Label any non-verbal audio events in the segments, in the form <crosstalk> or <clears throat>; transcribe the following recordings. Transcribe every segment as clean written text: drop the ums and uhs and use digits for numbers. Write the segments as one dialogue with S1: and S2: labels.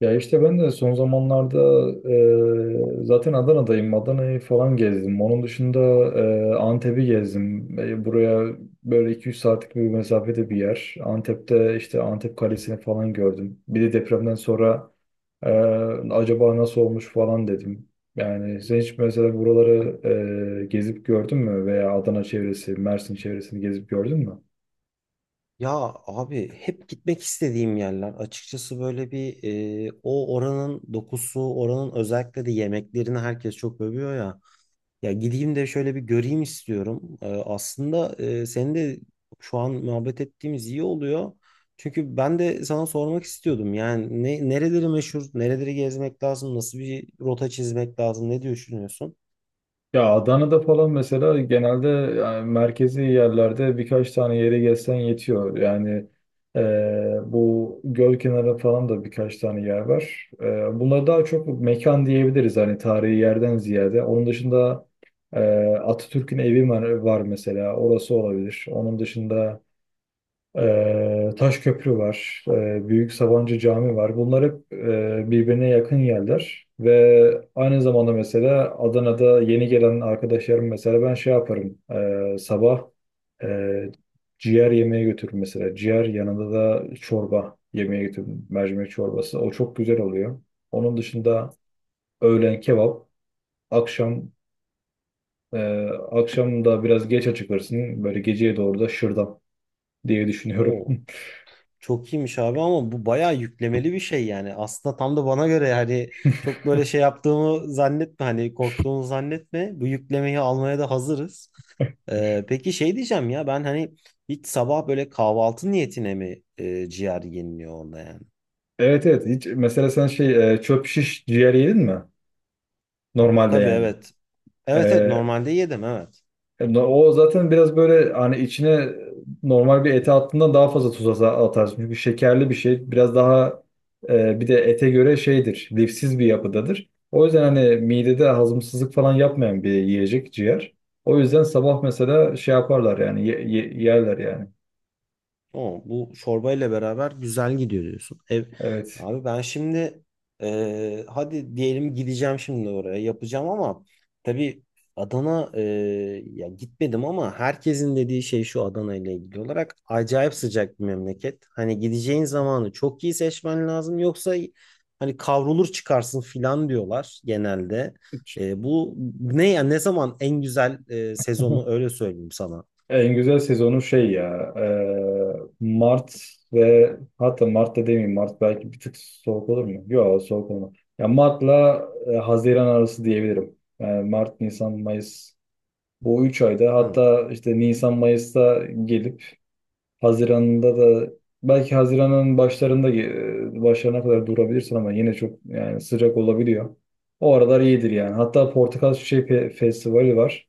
S1: Ya işte ben de son zamanlarda zaten Adana'dayım. Adana'yı falan gezdim. Onun dışında Antep'i gezdim. Buraya böyle iki üç saatlik bir mesafede bir yer. Antep'te işte Antep Kalesi'ni falan gördüm. Bir de depremden sonra e, acaba nasıl olmuş falan dedim. Yani sen hiç mesela buraları gezip gördün mü? Veya Adana çevresi, Mersin çevresini gezip gördün mü?
S2: Ya abi hep gitmek istediğim yerler. Açıkçası böyle bir o oranın dokusu, oranın özellikle de yemeklerini herkes çok övüyor ya. Ya gideyim de şöyle bir göreyim istiyorum. Aslında senin de şu an muhabbet ettiğimiz iyi oluyor. Çünkü ben de sana sormak istiyordum. Yani nereleri meşhur, nereleri gezmek lazım, nasıl bir rota çizmek lazım, ne düşünüyorsun?
S1: Ya Adana'da falan mesela genelde yani merkezi yerlerde birkaç tane yere gezsen yetiyor. Yani bu göl kenarı falan da birkaç tane yer var. Bunlar daha çok mekan diyebiliriz hani tarihi yerden ziyade. Onun dışında e, Atatürk'ün evi var, var mesela orası olabilir. Onun dışında Taş Köprü var, Büyük Sabancı Cami var. Bunlar hep birbirine yakın yerler ve aynı zamanda mesela Adana'da yeni gelen arkadaşlarım mesela ben şey yaparım sabah ee, ciğer yemeğe götürürüm, mesela ciğer yanında da çorba yemeğe götürürüm, mercimek çorbası, o çok güzel oluyor. Onun dışında öğlen kebap, akşam ee, akşam da biraz geç açılırsın, böyle geceye doğru da şırdan diye düşünüyorum.
S2: Oo.
S1: <laughs>
S2: Çok iyiymiş abi ama bu bayağı yüklemeli bir şey yani. Aslında tam da bana göre yani çok böyle şey yaptığımı zannetme, hani korktuğumu zannetme. Bu yüklemeyi almaya da hazırız. Peki şey diyeceğim ya, ben hani hiç sabah böyle kahvaltı niyetine mi ciğer yeniliyor orada yani?
S1: Evet, evet, hiç mesela sen şey, çöp şiş ciğer yedin mi? Normalde
S2: Tabii
S1: yani.
S2: evet.
S1: E,
S2: Evet, evet, normalde yedim, evet.
S1: o zaten biraz böyle hani içine normal bir ete attığından daha fazla tuz atarsın. Çünkü şekerli bir şey biraz daha, bir de ete göre şeydir, lifsiz bir yapıdadır. O yüzden hani midede hazımsızlık falan yapmayan bir yiyecek ciğer. O yüzden sabah mesela şey yaparlar yani yerler yani.
S2: O bu çorbayla beraber güzel gidiyor diyorsun.
S1: Evet.
S2: Abi ben şimdi hadi diyelim gideceğim şimdi oraya yapacağım ama tabii Adana ya gitmedim ama herkesin dediği şey şu: Adana ile ilgili olarak acayip sıcak bir memleket. Hani gideceğin zamanı çok iyi seçmen lazım, yoksa hani kavrulur çıkarsın filan diyorlar genelde. E, bu ne zaman en güzel sezonu, öyle söyleyeyim sana.
S1: En güzel sezonu şey ya, Mart, ve hatta Mart'ta demeyeyim, Mart belki bir tık soğuk olur mu? Yok, soğuk olmaz. Ya Mart'la Haziran arası diyebilirim. Yani Mart, Nisan, Mayıs, bu 3 ayda,
S2: Hı.
S1: hatta işte Nisan, Mayıs'ta gelip Haziran'da da, belki Haziran'ın başlarında başlarına kadar durabilirsin ama yine çok yani sıcak olabiliyor. O aralar iyidir yani. Hatta Portakal Çiçeği Festivali var.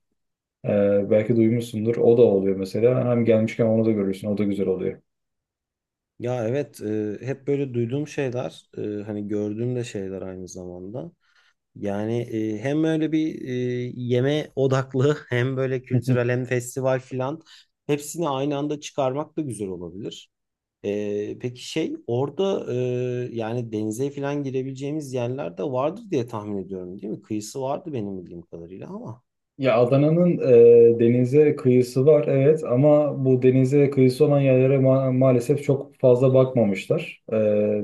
S1: Belki duymuşsundur. O da oluyor mesela. Hem gelmişken onu da görürsün. O da güzel oluyor.
S2: Ya evet, hep böyle duyduğum şeyler, hani gördüğüm de şeyler aynı zamanda. Yani hem öyle bir yeme odaklı <laughs> hem böyle kültürel
S1: <laughs>
S2: hem festival filan, hepsini aynı anda çıkarmak da güzel olabilir. Peki şey, orada yani denize filan girebileceğimiz yerler de vardır diye tahmin ediyorum, değil mi? Kıyısı vardı benim bildiğim kadarıyla ama,
S1: Ya Adana'nın denize kıyısı var evet, ama bu denize kıyısı olan yerlere maalesef çok fazla bakmamışlar. E,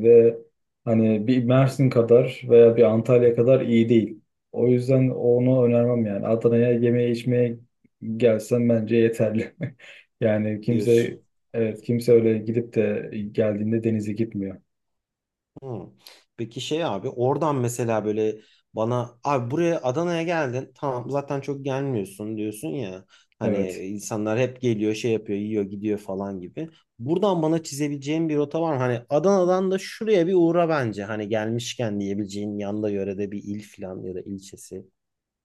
S1: ve hani bir Mersin kadar veya bir Antalya kadar iyi değil. O yüzden onu önermem yani. Adana'ya yemeğe, içmeye gelsen bence yeterli. <laughs> Yani
S2: diyorsun.
S1: kimse, evet, kimse öyle gidip de geldiğinde denize gitmiyor.
S2: Hmm. Peki şey abi, oradan mesela böyle bana, abi buraya Adana'ya geldin tamam, zaten çok gelmiyorsun diyorsun ya, hani
S1: Evet.
S2: insanlar hep geliyor, şey yapıyor, yiyor, gidiyor falan gibi. Buradan bana çizebileceğim bir rota var mı? Hani Adana'dan da şuraya bir uğra bence, hani gelmişken diyebileceğin yanda yörede bir il falan ya da ilçesi.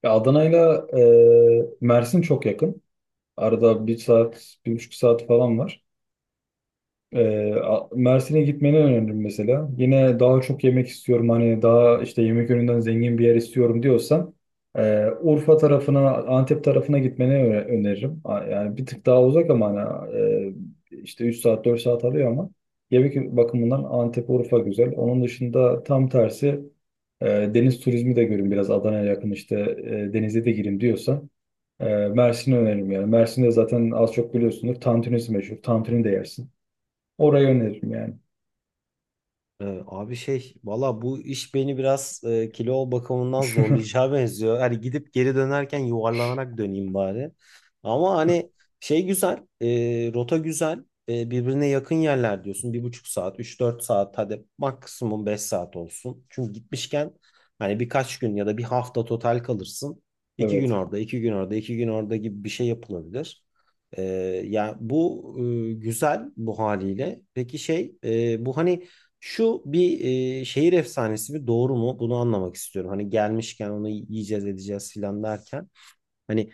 S1: Ya Adana'yla Mersin çok yakın. Arada bir saat, bir buçuk saat falan var. Mersin'e gitmeni öneririm mesela. Yine daha çok yemek istiyorum, hani daha işte yemek yönünden zengin bir yer istiyorum diyorsan, Urfa tarafına, Antep tarafına gitmeni öneririm. Yani bir tık daha uzak ama hani, işte 3 saat 4 saat alıyor, ama yemek bakımından Antep, Urfa güzel. Onun dışında tam tersi, e, deniz turizmi de görün biraz, Adana'ya yakın işte, denize de girin diyorsa, Mersin'i öneririm yani. Mersin'de zaten az çok biliyorsunuz. Tantunisi meşhur. Tantuni de yersin. Orayı öneririm yani.
S2: Abi şey valla bu iş beni biraz kilo bakımından zorlayacağı <laughs> benziyor. Hani gidip geri dönerken yuvarlanarak döneyim bari. Ama hani şey güzel, rota güzel, birbirine yakın yerler diyorsun. Bir buçuk saat, üç dört saat, hadi maksimum 5 saat olsun. Çünkü gitmişken hani birkaç gün ya da bir hafta total kalırsın. İki gün
S1: Evet.
S2: orada, 2 gün orada, 2 gün orada gibi bir şey yapılabilir. Ee, ya bu güzel bu haliyle. Peki şey, bu hani şu bir şehir efsanesi mi doğru mu, bunu anlamak istiyorum. Hani gelmişken onu yiyeceğiz edeceğiz filan derken. Hani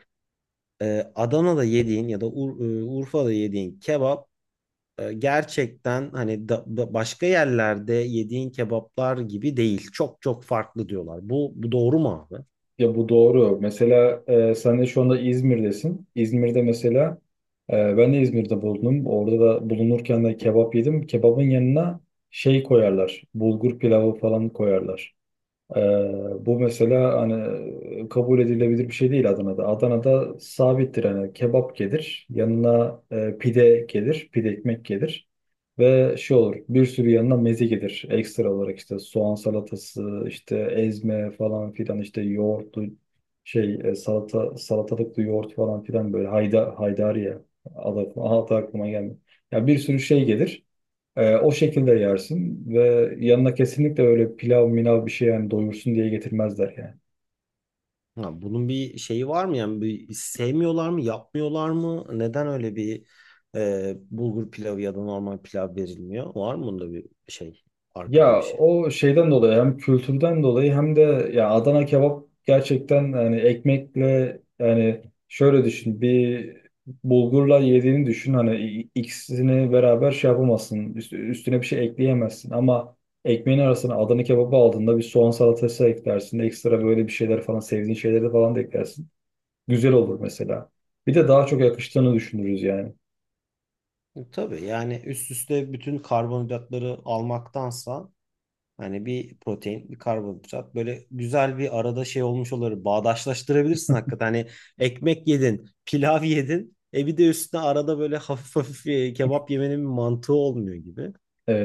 S2: Adana'da yediğin ya da Urfa'da yediğin kebap gerçekten hani başka yerlerde yediğin kebaplar gibi değil. Çok çok farklı diyorlar. Bu doğru mu abi?
S1: Ya bu doğru. Mesela sen de şu anda İzmir'desin. İzmir'de mesela ben de İzmir'de bulundum. Orada da bulunurken de kebap yedim. Kebabın yanına şey koyarlar, bulgur pilavı falan koyarlar. Ee, bu mesela hani kabul edilebilir bir şey değil Adana'da. Adana'da sabittir hani, kebap gelir, yanına pide gelir, pide ekmek gelir ve şey olur, bir sürü yanına meze gelir. Ekstra olarak işte soğan salatası, işte ezme falan filan, işte yoğurtlu şey, salata, salatalıklı yoğurt falan filan, böyle hayda, haydari ya, adı aklıma gelmiyor. Ya bir sürü şey gelir. O şekilde yersin ve yanına kesinlikle öyle pilav minav bir şey, yani doyursun diye getirmezler yani.
S2: Ya bunun bir şeyi var mı yani, bir sevmiyorlar mı, yapmıyorlar mı, neden öyle bir bulgur pilavı ya da normal pilav verilmiyor, var mı bunda bir şey, arkada bir
S1: Ya
S2: şey?
S1: o şeyden dolayı, hem kültürden dolayı hem de ya, Adana kebap gerçekten hani ekmekle yani, şöyle düşün bir, bulgurla yediğini düşün, hani ikisini beraber şey yapamazsın, üstüne bir şey ekleyemezsin, ama ekmeğin arasına Adana kebabı aldığında bir soğan salatası eklersin, ekstra böyle bir şeyler falan, sevdiğin şeyleri falan da eklersin. Güzel olur mesela. Bir de daha çok yakıştığını düşünürüz yani.
S2: Tabii yani üst üste bütün karbonhidratları almaktansa hani bir protein, bir karbonhidrat böyle güzel bir arada şey olmuş olur. Bağdaşlaştırabilirsin hakikaten. Hani ekmek yedin, pilav <laughs> yedin. E bir de üstüne arada böyle hafif hafif kebap yemenin bir mantığı olmuyor gibi.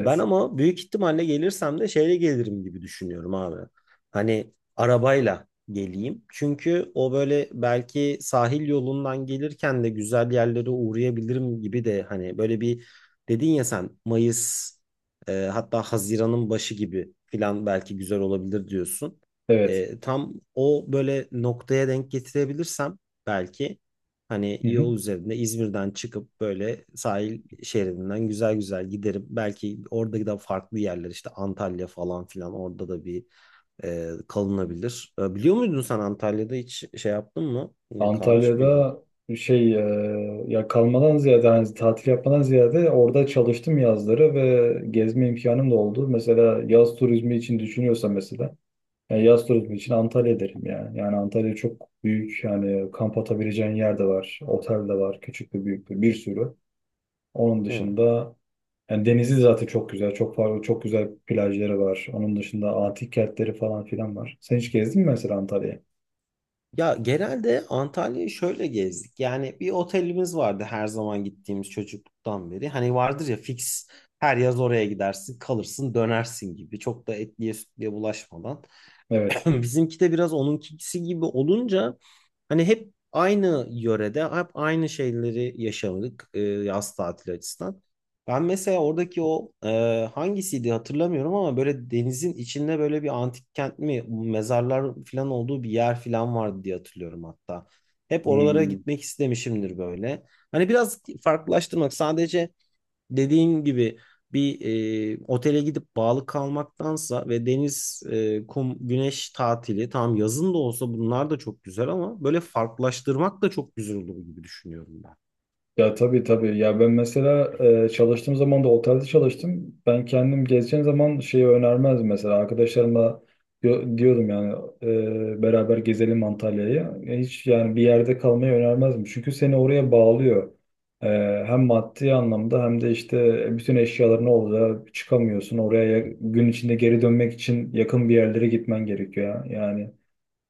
S2: Ben ama büyük ihtimalle gelirsem de şeyle gelirim gibi düşünüyorum abi. Hani arabayla geleyim. Çünkü o böyle belki sahil yolundan gelirken de güzel yerlere uğrayabilirim gibi de, hani böyle bir dedin ya sen Mayıs, hatta Haziran'ın başı gibi filan belki güzel olabilir diyorsun.
S1: Evet.
S2: Tam o böyle noktaya denk getirebilirsem belki hani
S1: Hı hı.
S2: yol üzerinde İzmir'den çıkıp böyle sahil şeridinden güzel güzel giderim. Belki orada da farklı yerler, işte Antalya falan filan, orada da bir kalınabilir. Biliyor muydun, sen Antalya'da hiç şey yaptın mı? E, kalmış mıydın?
S1: Antalya'da şey, ya kalmadan ziyade hani tatil yapmadan ziyade orada çalıştım yazları, ve gezme imkanım da oldu. Mesela yaz turizmi için düşünüyorsa mesela, yani yaz turizmi için Antalya derim yani. Yani Antalya çok büyük yani, kamp atabileceğin yer de var, otel de var, küçük de büyük de bir sürü. Onun
S2: Hı.
S1: dışında, yani denizi zaten çok güzel. Çok farklı, çok güzel plajları var. Onun dışında antik kentleri falan filan var. Sen hiç gezdin mi mesela Antalya'ya?
S2: Ya genelde Antalya'yı şöyle gezdik. Yani bir otelimiz vardı her zaman gittiğimiz, çocukluktan beri. Hani vardır ya fix, her yaz oraya gidersin, kalırsın, dönersin gibi. Çok da etliye sütlüye bulaşmadan. <clears throat>
S1: Evet.
S2: Bizimki de biraz onunkisi gibi olunca hani hep aynı yörede hep aynı şeyleri yaşadık yaz tatili açısından. Ben mesela oradaki o hangisiydi hatırlamıyorum ama böyle denizin içinde böyle bir antik kent mi, mezarlar falan olduğu bir yer falan vardı diye hatırlıyorum hatta. Hep oralara
S1: Hmm.
S2: gitmek istemişimdir böyle. Hani biraz farklılaştırmak, sadece dediğin gibi bir otele gidip bağlı kalmaktansa. Ve deniz, kum, güneş tatili, tamam yazın da olsa bunlar da çok güzel ama böyle farklılaştırmak da çok güzel olur gibi düşünüyorum ben.
S1: Ya tabii, tabii. Ya ben mesela çalıştığım zaman da otelde çalıştım. Ben kendim gezeceğim zaman şeyi önermezdim mesela. Arkadaşlarıma diyordum yani, beraber gezelim Antalya'yı. E, hiç yani bir yerde kalmayı önermezdim. Çünkü seni oraya bağlıyor. E, hem maddi anlamda hem de işte bütün eşyaların olacağı çıkamıyorsun. Oraya gün içinde geri dönmek için yakın bir yerlere gitmen gerekiyor ya. Yani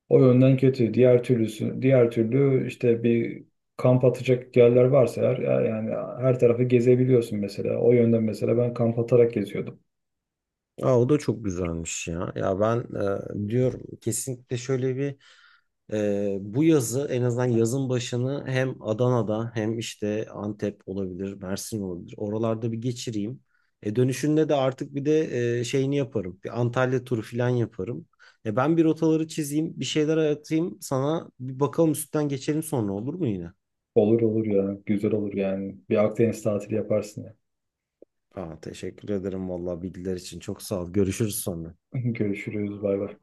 S1: o yönden kötü. Diğer türlü işte bir kamp atacak yerler varsa eğer, yani her tarafı gezebiliyorsun mesela. O yönden mesela ben kamp atarak geziyordum.
S2: Aa, o da çok güzelmiş ya. Ya ben diyorum kesinlikle şöyle bir bu yazı, en azından yazın başını, hem Adana'da hem işte Antep olabilir, Mersin olabilir, oralarda bir geçireyim. Dönüşünde de artık bir de şeyini yaparım, bir Antalya turu falan yaparım. Ben bir rotaları çizeyim, bir şeyler atayım sana. Bir bakalım, üstten geçelim sonra, olur mu yine?
S1: Olur olur ya. Güzel olur yani. Bir Akdeniz tatili yaparsın ya.
S2: Aa, teşekkür ederim vallahi bilgiler için. Çok sağ ol. Görüşürüz sonra.
S1: <laughs> Görüşürüz. Bay bay.